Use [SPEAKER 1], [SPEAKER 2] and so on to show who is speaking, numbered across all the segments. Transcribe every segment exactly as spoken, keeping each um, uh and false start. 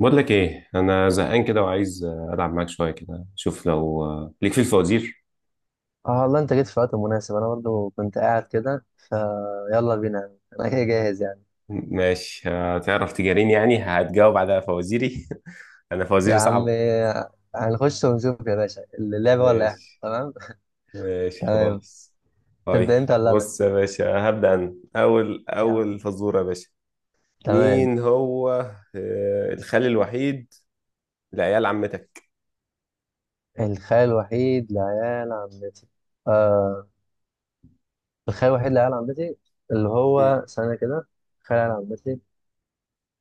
[SPEAKER 1] بقول لك ايه، انا زهقان كده وعايز آه، العب معاك شويه كده. شوف لو آه، ليك في الفوازير.
[SPEAKER 2] اه، والله انت جيت في وقت مناسب. انا برضو كنت قاعد كده فيلا بينا، انا كده جاهز يعني.
[SPEAKER 1] ماشي. هتعرف تجاريني؟ يعني هتجاوب على فوازيري؟ انا
[SPEAKER 2] يا
[SPEAKER 1] فوازيري
[SPEAKER 2] عم
[SPEAKER 1] صعبه.
[SPEAKER 2] إيه، هنخش ونشوف يا باشا، اللعبة ولا احنا
[SPEAKER 1] ماشي
[SPEAKER 2] تمام؟
[SPEAKER 1] ماشي
[SPEAKER 2] تمام.
[SPEAKER 1] خلاص. طيب.
[SPEAKER 2] تبدأ انت ولا انا؟
[SPEAKER 1] بص يا باشا، هبدأ انا اول
[SPEAKER 2] يا عم.
[SPEAKER 1] اول فزوره يا باشا.
[SPEAKER 2] تمام.
[SPEAKER 1] مين هو آه، الخال الوحيد لعيال عمتك؟
[SPEAKER 2] الخال الوحيد لعيال عمتي. آه. الخال الوحيد لعيال عمتي اللي
[SPEAKER 1] مم.
[SPEAKER 2] هو سنة كده. خال عيال عمتي،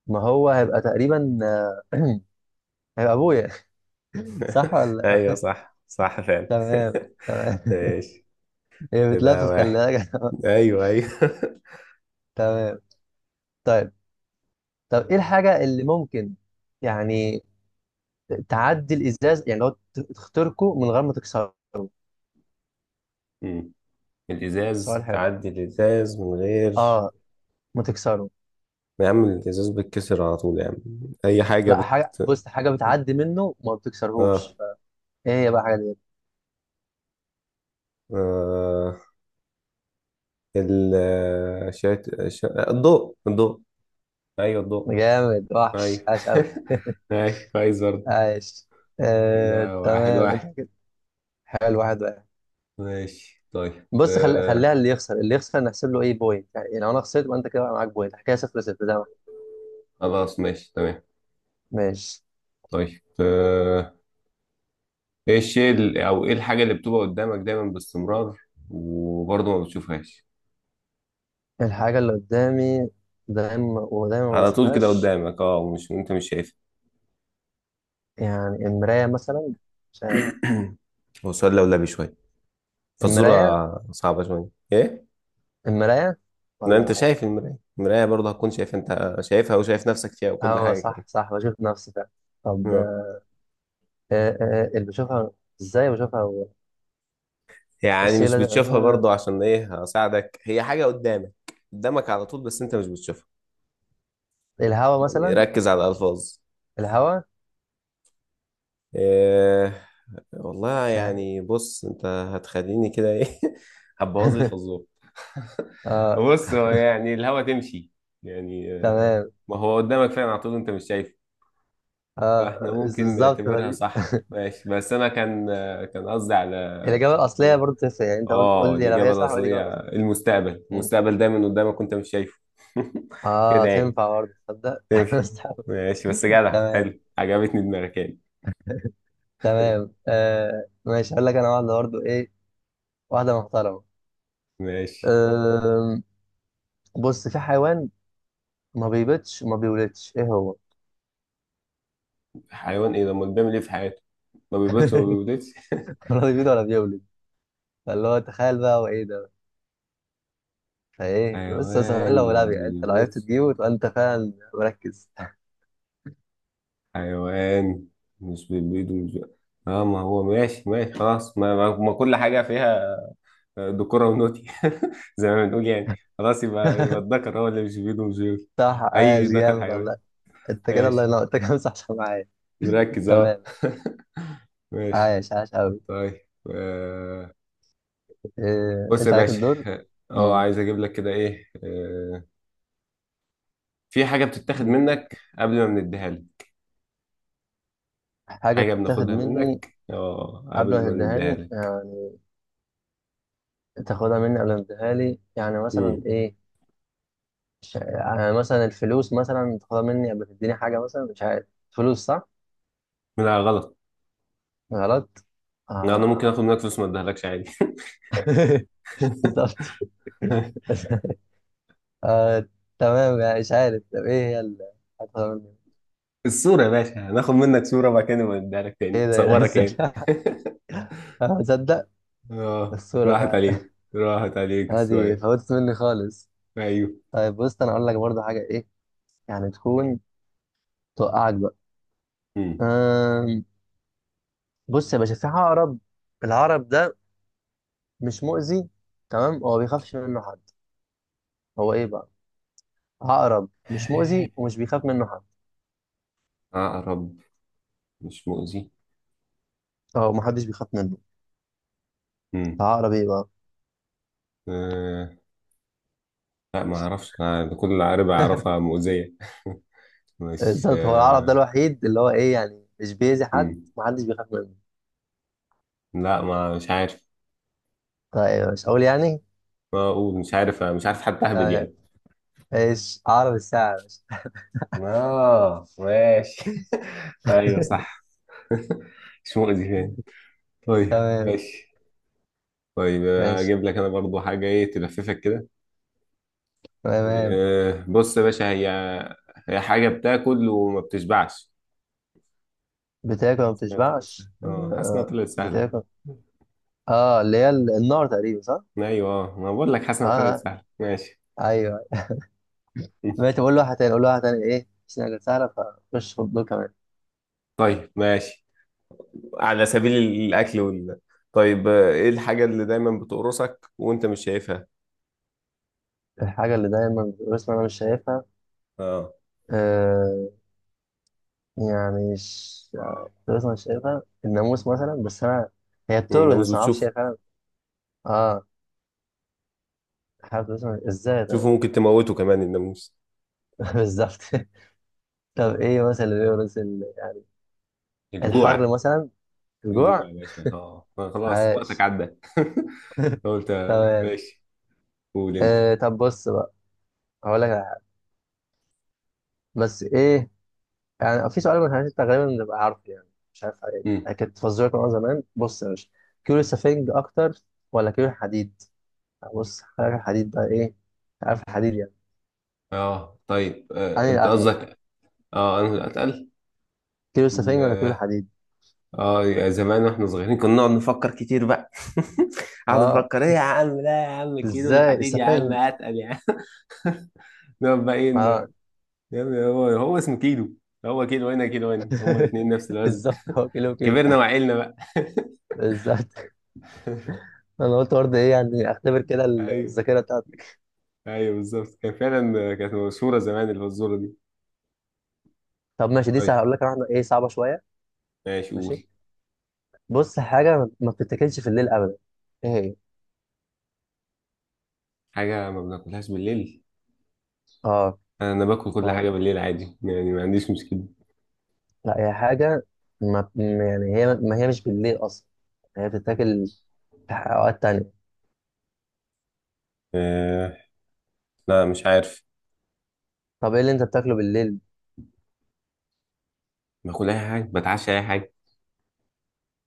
[SPEAKER 2] ما هو هيبقى تقريبا آه، هيبقى ابويا. صح ولا؟
[SPEAKER 1] ايوه صح صح فعلا.
[SPEAKER 2] تمام. تمام.
[SPEAKER 1] ماشي.
[SPEAKER 2] هي
[SPEAKER 1] كده
[SPEAKER 2] بتلفف، خلي
[SPEAKER 1] واحد.
[SPEAKER 2] بالك.
[SPEAKER 1] ايوه ايوه.
[SPEAKER 2] تمام. طيب. طب ايه الحاجة اللي ممكن يعني تعدي الازاز، يعني لو ت- تخترقه من غير ما تكسره؟ سؤال
[SPEAKER 1] الازاز،
[SPEAKER 2] حلو.
[SPEAKER 1] تعدي الازاز من غير.
[SPEAKER 2] اه، ما تكسره.
[SPEAKER 1] يا عم، الازاز بيتكسر على طول يا عم. اي حاجه
[SPEAKER 2] لا،
[SPEAKER 1] بت
[SPEAKER 2] حاجة، بص حاجة بتعدي منه وما
[SPEAKER 1] اه،
[SPEAKER 2] بتكسرهوش. ايه هي بقى الحاجة دي؟
[SPEAKER 1] آه. ال شات... شا... الضوء الضوء. ايوه الضوء.
[SPEAKER 2] جامد وحش.
[SPEAKER 1] ايوه.
[SPEAKER 2] عاش قوي.
[SPEAKER 1] ماشي كويس برضه.
[SPEAKER 2] عاش. آه،
[SPEAKER 1] كده واحد
[SPEAKER 2] تمام انت
[SPEAKER 1] واحد.
[SPEAKER 2] كده. حلو. واحد واحد.
[SPEAKER 1] ماشي طيب
[SPEAKER 2] بص خل... خليها،
[SPEAKER 1] آه،
[SPEAKER 2] اللي يخسر اللي يخسر نحسب له ايه بوينت. يعني لو انا خسرت يبقى انت كده بقى معاك بوينت. حكايه صفر صفر زي ما احنا.
[SPEAKER 1] خلاص ماشي تمام.
[SPEAKER 2] ماشي.
[SPEAKER 1] طيب آه، ايه الشيء ال- او ايه الحاجة اللي بتبقى قدامك دايما باستمرار؟ وبرضه ما بتشوفهاش.
[SPEAKER 2] الحاجه اللي قدامي دايما ودايما ما
[SPEAKER 1] على طول كده
[SPEAKER 2] بشوفهاش.
[SPEAKER 1] قدامك، اه مش انت مش شايفها.
[SPEAKER 2] يعني المراية مثلا، مش عارف.
[SPEAKER 1] هو سؤال لولبي شوية، فالصورة
[SPEAKER 2] المراية.
[SPEAKER 1] صعبة شوية. ايه؟
[SPEAKER 2] المراية
[SPEAKER 1] ما انت
[SPEAKER 2] ولا.
[SPEAKER 1] شايف المراية. المراية برضه هتكون شايف، انت شايفها وشايف نفسك فيها وكل
[SPEAKER 2] اه،
[SPEAKER 1] حاجة
[SPEAKER 2] صح
[SPEAKER 1] كمان.
[SPEAKER 2] صح، بشوف نفسي فعلا. طب
[SPEAKER 1] آه.
[SPEAKER 2] آه آه اللي بشوفها، ازاي بشوفها هو؟
[SPEAKER 1] يعني مش
[SPEAKER 2] الشيلة ده،
[SPEAKER 1] بتشوفها
[SPEAKER 2] آه
[SPEAKER 1] برضه، عشان ايه هساعدك، هي حاجة قدامك، قدامك على طول بس انت مش بتشوفها.
[SPEAKER 2] الهوا
[SPEAKER 1] يعني
[SPEAKER 2] مثلا.
[SPEAKER 1] ركز على الألفاظ.
[SPEAKER 2] الهوا.
[SPEAKER 1] إيه؟ والله
[SPEAKER 2] مش عارف.
[SPEAKER 1] يعني، بص انت هتخليني كده ايه. هتبوظ لي الفزورة.
[SPEAKER 2] اه،
[SPEAKER 1] بص هو يعني الهوا تمشي، يعني آه،
[SPEAKER 2] تمام.
[SPEAKER 1] ما هو قدامك فعلا على طول، انت مش شايفه.
[SPEAKER 2] اه
[SPEAKER 1] فاحنا ممكن
[SPEAKER 2] بالظبط
[SPEAKER 1] نعتبرها
[SPEAKER 2] فدي-
[SPEAKER 1] صح. ماشي، بس انا كان كان قصدي على.
[SPEAKER 2] الإجابة الأصلية
[SPEAKER 1] إيه؟
[SPEAKER 2] برضه تنفع. يعني أنت قول
[SPEAKER 1] اه،
[SPEAKER 2] قول لي لو
[SPEAKER 1] الاجابه
[SPEAKER 2] هي صح ولا الإجابة
[SPEAKER 1] الاصليه
[SPEAKER 2] الأصلية.
[SPEAKER 1] المستقبل.
[SPEAKER 2] مم.
[SPEAKER 1] المستقبل دايما قدامك وانت مش شايفه.
[SPEAKER 2] اه،
[SPEAKER 1] كده يعني
[SPEAKER 2] تنفع برضه، تصدق.
[SPEAKER 1] تنفع.
[SPEAKER 2] مستحب.
[SPEAKER 1] ماشي، بس جدع،
[SPEAKER 2] تمام.
[SPEAKER 1] حلو عجبتني دماغك يعني.
[SPEAKER 2] تمام، آه ماشي. هقول لك أنا واحدة برضه، إيه واحدة محترمة.
[SPEAKER 1] ماشي.
[SPEAKER 2] بص في حيوان ما بيبيضش وما بيولدش، ايه هو؟
[SPEAKER 1] حيوان ايه ده؟ امال بيعمل ايه في حياته؟ ما بيبيضش، ما بيبيضش.
[SPEAKER 2] ولا بيبيض ولا بيولد. فاللي هو تخيل بقى هو ايه ده. فايه بص سهل، لو
[SPEAKER 1] حيوان ما
[SPEAKER 2] لعب يعني، انت لو عرفت
[SPEAKER 1] بيبيضش.
[SPEAKER 2] تجيبه تبقى انت فعلا مركز.
[SPEAKER 1] حيوان مش بيبيض ومش بي- اه. ما هو ماشي ماشي خلاص. ما, ما ما كل حاجه فيها دكورة ونوتي. زي ما بنقول يعني. خلاص يبقى يبقى الذكر هو اللي مش بيده ومش بيقول.
[SPEAKER 2] صح.
[SPEAKER 1] أي
[SPEAKER 2] عايش
[SPEAKER 1] ذكر
[SPEAKER 2] جامد والله.
[SPEAKER 1] حيوان.
[SPEAKER 2] انت كده الله
[SPEAKER 1] ماشي.
[SPEAKER 2] ينور. انت كده صح صح معايا.
[SPEAKER 1] مركز، أه.
[SPEAKER 2] تمام.
[SPEAKER 1] ماشي
[SPEAKER 2] عايش. عايش قوي.
[SPEAKER 1] طيب آه،
[SPEAKER 2] إيه...
[SPEAKER 1] بص يا
[SPEAKER 2] انت عليك
[SPEAKER 1] باشا،
[SPEAKER 2] الدور.
[SPEAKER 1] أه
[SPEAKER 2] مم.
[SPEAKER 1] عايز أجيب لك كده إيه آه، في حاجة بتتاخد منك قبل ما بنديها لك.
[SPEAKER 2] حاجة
[SPEAKER 1] حاجة
[SPEAKER 2] تتاخد
[SPEAKER 1] بناخدها
[SPEAKER 2] مني
[SPEAKER 1] منك، أه
[SPEAKER 2] قبل
[SPEAKER 1] قبل
[SPEAKER 2] ما
[SPEAKER 1] ما نديها
[SPEAKER 2] تديهاني
[SPEAKER 1] لك.
[SPEAKER 2] يعني. تاخدها مني قبل ما تديها لي، يعني مثلا
[SPEAKER 1] مم.
[SPEAKER 2] ايه. مش- يعني مثلا الفلوس، مثلا تاخدها مني قبل ما تديني حاجة، مثلا مش عارف. فلوس صح؟
[SPEAKER 1] لا غلط.
[SPEAKER 2] غلط؟
[SPEAKER 1] لا، أنا ممكن آخد
[SPEAKER 2] آه.
[SPEAKER 1] منك فلوس ما أديهالكش عادي.
[SPEAKER 2] بالظبط. آه تمام، يعني مش عارف. طب ايه هي اللي هتاخدها مني؟
[SPEAKER 1] الصورة يا باشا. هناخد منك صورة بعد كده نبقى نديها لك تاني،
[SPEAKER 2] ايه ده، ايه ده
[SPEAKER 1] تصورك
[SPEAKER 2] ازاي؟
[SPEAKER 1] يعني.
[SPEAKER 2] تصدق.
[SPEAKER 1] اه
[SPEAKER 2] الصورة
[SPEAKER 1] راحت
[SPEAKER 2] فعلا.
[SPEAKER 1] عليك، راحت عليك
[SPEAKER 2] هذه
[SPEAKER 1] السؤال.
[SPEAKER 2] فوتت مني خالص.
[SPEAKER 1] ايوه.
[SPEAKER 2] طيب، بص انا اقول لك برضه حاجة، ايه يعني تكون توقعك بقى.
[SPEAKER 1] امم.
[SPEAKER 2] آم، بص يا باشا في عقرب. العقرب ده مش مؤذي، تمام، هو بيخافش منه حد. هو ايه بقى؟ عقرب مش مؤذي ومش بيخاف منه حد.
[SPEAKER 1] عقرب مش مؤذي.
[SPEAKER 2] اه، محدش بيخاف منه.
[SPEAKER 1] امم.
[SPEAKER 2] عقرب ايه بقى؟
[SPEAKER 1] آه. لا، ما اعرفش أنا، ده كل عقرب اعرفها مؤذية. مش،
[SPEAKER 2] بالظبط، هو العقرب ده
[SPEAKER 1] آه.
[SPEAKER 2] الوحيد اللي هو ايه يعني مش بيأذي حد،
[SPEAKER 1] مم.
[SPEAKER 2] محدش بيخاف منه.
[SPEAKER 1] لا، ما مش عارف.
[SPEAKER 2] طيب مش هقول يعني.
[SPEAKER 1] ما اقول مش عارف، مش عارف حتى اهبد
[SPEAKER 2] تمام.
[SPEAKER 1] يعني.
[SPEAKER 2] ايش عقرب الساعة يا باشا.
[SPEAKER 1] اه ماشي. ايوه صح. مش مؤذي يعني. طيب
[SPEAKER 2] تمام.
[SPEAKER 1] ماشي. طيب
[SPEAKER 2] ماشي.
[SPEAKER 1] اجيب لك انا برضو حاجة ايه تلففك كده.
[SPEAKER 2] تمام.
[SPEAKER 1] إيه، بص يا باشا، هي هي حاجة بتاكل وما بتشبعش.
[SPEAKER 2] بتاكل ما
[SPEAKER 1] حاسس انها طلعت سهلة،
[SPEAKER 2] بتشبعش.
[SPEAKER 1] اه حاسس انها
[SPEAKER 2] آه،
[SPEAKER 1] طلعت سهلة.
[SPEAKER 2] بتاكل. اه اللي هي ال- النار تقريبا، صح؟
[SPEAKER 1] ايوه آه، ما بقول لك، حاسس
[SPEAKER 2] اه،
[SPEAKER 1] انها طلعت
[SPEAKER 2] آه،
[SPEAKER 1] سهلة ماشي.
[SPEAKER 2] ايوه. دلوقتي بقول له واحدة تاني، اقول له واحدة تاني، ايه مش حاجة سهلة. فخش في الدور كمان.
[SPEAKER 1] طيب ماشي. على سبيل الأكل وال طيب آه، ايه الحاجة اللي دايما بتقرصك وانت مش شايفها؟
[SPEAKER 2] الحاجة اللي دايما بس انا مش شايفها.
[SPEAKER 1] اه.
[SPEAKER 2] آه، يعني مش فلوس مش شايفها، الناموس مثلا بس انا، هي بترقص
[SPEAKER 1] الناموس
[SPEAKER 2] بس ما اعرفش
[SPEAKER 1] بتشوفه؟
[SPEAKER 2] هي فعلا. اه، حابب فلوس مش- ازاي طيب.
[SPEAKER 1] شوفه ممكن تموته كمان الناموس.
[SPEAKER 2] بالظبط. طب ايه مثلا اللي بيورث ال- يعني
[SPEAKER 1] الجوع.
[SPEAKER 2] الحر مثلا.
[SPEAKER 1] الجوع
[SPEAKER 2] الجوع.
[SPEAKER 1] يا باشا، اه آه، خلاص وقتك
[SPEAKER 2] عاش.
[SPEAKER 1] عدى. قلت آه،
[SPEAKER 2] تمام.
[SPEAKER 1] ماشي. قول انت.
[SPEAKER 2] آه طب بص بقى، هقول لك على حاجة. بس ايه يعني، في سؤال ما انت غالبا بتبقى عارفه يعني، مش عارف عليه.
[SPEAKER 1] مم.
[SPEAKER 2] انا كنت فزورك من وأنا زمان. بص يا باشا، كيلو سفنج اكتر ولا كيلو حديد؟ بص حاجه الحديد بقى ايه، عارف الحديد يعني.
[SPEAKER 1] اه طيب آه، انت
[SPEAKER 2] انا
[SPEAKER 1] قصدك. اه انا اللي اتقل.
[SPEAKER 2] كيلو سفنج
[SPEAKER 1] ال-
[SPEAKER 2] ولا كيلو حديد.
[SPEAKER 1] اه، يا زمان واحنا صغيرين كنا نقعد نفكر كتير بقى. اقعد
[SPEAKER 2] اه،
[SPEAKER 1] افكر ايه يا عم، لا يا عم، كيلو
[SPEAKER 2] ازاي
[SPEAKER 1] الحديد يا عم
[SPEAKER 2] السفنج.
[SPEAKER 1] اتقل يا عم. نقعد بقى ايه ن-
[SPEAKER 2] اه،
[SPEAKER 1] يا عم، هو هو اسمه كيلو. هو كيلو هنا كيلو هنا، هما الاثنين نفس الوزن.
[SPEAKER 2] بالظبط، هو كيلو كيلو.
[SPEAKER 1] كبرنا وعقلنا بقى.
[SPEAKER 2] بالظبط. انا قلت برضه ايه يعني اختبر كده ال-
[SPEAKER 1] ايوه
[SPEAKER 2] الذاكره بتاعتك.
[SPEAKER 1] ايوه بالظبط، كان فعلا، كانت مشهوره زمان اللي هو الذره دي.
[SPEAKER 2] طب ماشي دي سهله،
[SPEAKER 1] طيب
[SPEAKER 2] هقول لك واحده ايه صعبه شويه.
[SPEAKER 1] ماشي.
[SPEAKER 2] ماشي.
[SPEAKER 1] قول.
[SPEAKER 2] بص حاجه ما ما بتتاكلش في الليل ابدا. ايه هي؟
[SPEAKER 1] حاجه ما بناكلهاش بالليل.
[SPEAKER 2] اه.
[SPEAKER 1] انا باكل كل
[SPEAKER 2] اه.
[SPEAKER 1] حاجه بالليل عادي يعني، ما عنديش مشكله.
[SPEAKER 2] لا، هي حاجه ما م- يعني هي، ما هي مش بالليل اصلا، هي بتتاكل في اوقات تانية.
[SPEAKER 1] آه لا، مش عارف.
[SPEAKER 2] طب ايه اللي انت بتاكله بالليل.
[SPEAKER 1] باكل اي حاجه، بتعشى اي حاجه.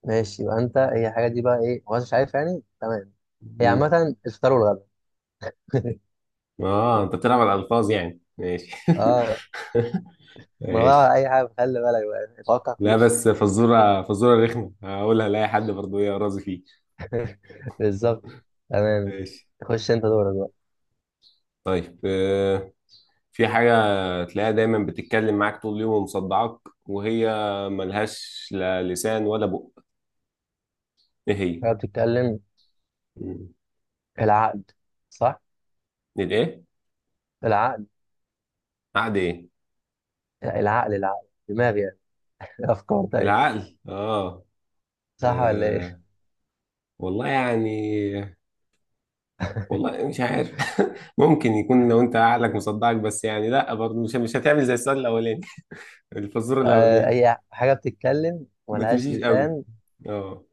[SPEAKER 2] ماشي، يبقى انت هي الحاجه دي بقى ايه، هو أنت مش عارف يعني، تمام. هي
[SPEAKER 1] امم.
[SPEAKER 2] عامه الفطار والغدا.
[SPEAKER 1] اه انت بتلعب على الالفاظ يعني، ماشي.
[SPEAKER 2] اه. من غير على
[SPEAKER 1] ماشي.
[SPEAKER 2] اي حاجه، خلي بالك بقى، اتوقع
[SPEAKER 1] لا،
[SPEAKER 2] كل
[SPEAKER 1] بس
[SPEAKER 2] شيء.
[SPEAKER 1] فزوره فزوره رخمه، هقولها لاي حد برضه ايه راضي فيه.
[SPEAKER 2] بالظبط. تمام.
[SPEAKER 1] ماشي
[SPEAKER 2] خش انت دورك بقى.
[SPEAKER 1] طيب آه، في حاجه تلاقيها دايما بتتكلم معاك طول اليوم ومصدعاك، وهي ملهاش لا لسان ولا بق. ايه هي؟
[SPEAKER 2] انا بتتكلم.
[SPEAKER 1] مم.
[SPEAKER 2] العقد. صح.
[SPEAKER 1] الايه؟
[SPEAKER 2] العقد.
[SPEAKER 1] عقد ايه؟
[SPEAKER 2] العقل. العقل دماغ يعني. افكار. طيب.
[SPEAKER 1] العقل، اه
[SPEAKER 2] صح ولا ايه؟
[SPEAKER 1] آه، والله يعني، والله مش عارف. ممكن يكون لو انت عقلك مصدعك، بس يعني لا برضه، مش مش هتعمل زي السؤال الاولاني. الفزوره
[SPEAKER 2] آه،
[SPEAKER 1] الاولانيه
[SPEAKER 2] اي حاجه بتتكلم
[SPEAKER 1] ما
[SPEAKER 2] ملهاش
[SPEAKER 1] تمشيش قوي.
[SPEAKER 2] لسان
[SPEAKER 1] اه.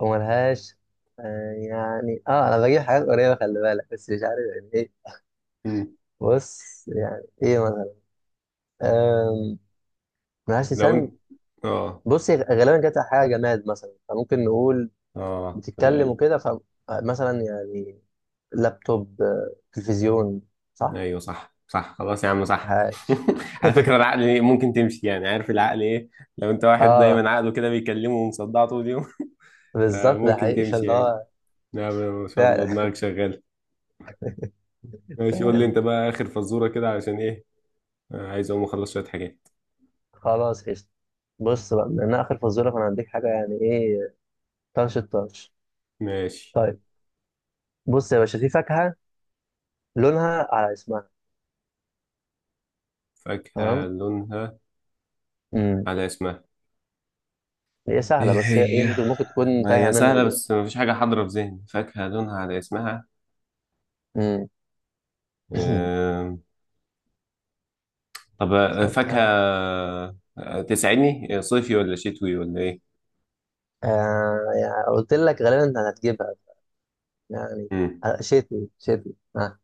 [SPEAKER 2] وملهاش. آه يعني اه، انا بجيب حاجات قريبه، خلي بالك، بس مش عارف يعني ايه.
[SPEAKER 1] امم.
[SPEAKER 2] بص يعني ايه مثلا. آم، ملهاش
[SPEAKER 1] لو
[SPEAKER 2] لسان.
[SPEAKER 1] انت اه
[SPEAKER 2] بص غالبا كانت حاجه جماد مثلا، فممكن نقول
[SPEAKER 1] اه في
[SPEAKER 2] بتتكلم
[SPEAKER 1] الغالب.
[SPEAKER 2] وكده، فمثلا يعني لابتوب، آه، تلفزيون، صح؟
[SPEAKER 1] ايوه صح صح، خلاص يا عم صح.
[SPEAKER 2] عاش.
[SPEAKER 1] على فكره العقل إيه، ممكن تمشي يعني. عارف العقل ايه؟ لو انت واحد
[SPEAKER 2] اه
[SPEAKER 1] دايما عقله كده بيكلمه ومصدع طول اليوم.
[SPEAKER 2] بالظبط ده
[SPEAKER 1] فمممكن
[SPEAKER 2] حقيقي
[SPEAKER 1] تمشي
[SPEAKER 2] اللي
[SPEAKER 1] يعني.
[SPEAKER 2] هو.
[SPEAKER 1] نعم. ما شاء الله
[SPEAKER 2] فعلا.
[SPEAKER 1] دماغك شغاله. ماشي. قول لي
[SPEAKER 2] تمام.
[SPEAKER 1] انت بقى اخر فزوره كده، عشان ايه آه، عايز اقوم اخلص شويه حاجات.
[SPEAKER 2] خلاص قشطة. بص بقى، من اخر فزوره، فانا هديك حاجه يعني ايه طرش الطرش.
[SPEAKER 1] ماشي.
[SPEAKER 2] طيب، بص يا باشا في فاكهه لونها على اسمها.
[SPEAKER 1] فاكهة
[SPEAKER 2] تمام.
[SPEAKER 1] لونها
[SPEAKER 2] امم
[SPEAKER 1] على اسمها.
[SPEAKER 2] هي سهله
[SPEAKER 1] ايه
[SPEAKER 2] بس هي ايه،
[SPEAKER 1] هي؟
[SPEAKER 2] ممكن ممكن تكون
[SPEAKER 1] ما
[SPEAKER 2] تايهه
[SPEAKER 1] هي
[SPEAKER 2] منك
[SPEAKER 1] سهلة، بس
[SPEAKER 2] دلوقتي.
[SPEAKER 1] مفيش حاجة حاضرة في ذهني، فاكهة لونها على اسمها.
[SPEAKER 2] امم
[SPEAKER 1] آم، طب آه، فاكهة
[SPEAKER 2] فاكهه.
[SPEAKER 1] آه، تسعيني آه، صيفي ولا شتوي ولا ايه؟
[SPEAKER 2] آه يعني قلت لك غالبا انت هتجيبها يعني.
[SPEAKER 1] مم.
[SPEAKER 2] آه، شتوي شتوي. آه.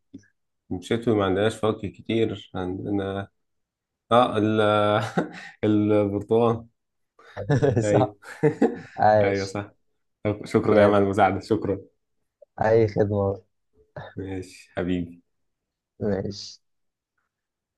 [SPEAKER 1] شتوي، ما عندناش فواكه كتير عندنا. اه ال البرتقال. ايوه.
[SPEAKER 2] صح.
[SPEAKER 1] ايوه
[SPEAKER 2] عاش
[SPEAKER 1] صح. طب شكرا يا عم على
[SPEAKER 2] جامد.
[SPEAKER 1] المساعدة. شكرا.
[SPEAKER 2] أي خدمة.
[SPEAKER 1] ماشي حبيبي.
[SPEAKER 2] ماشي.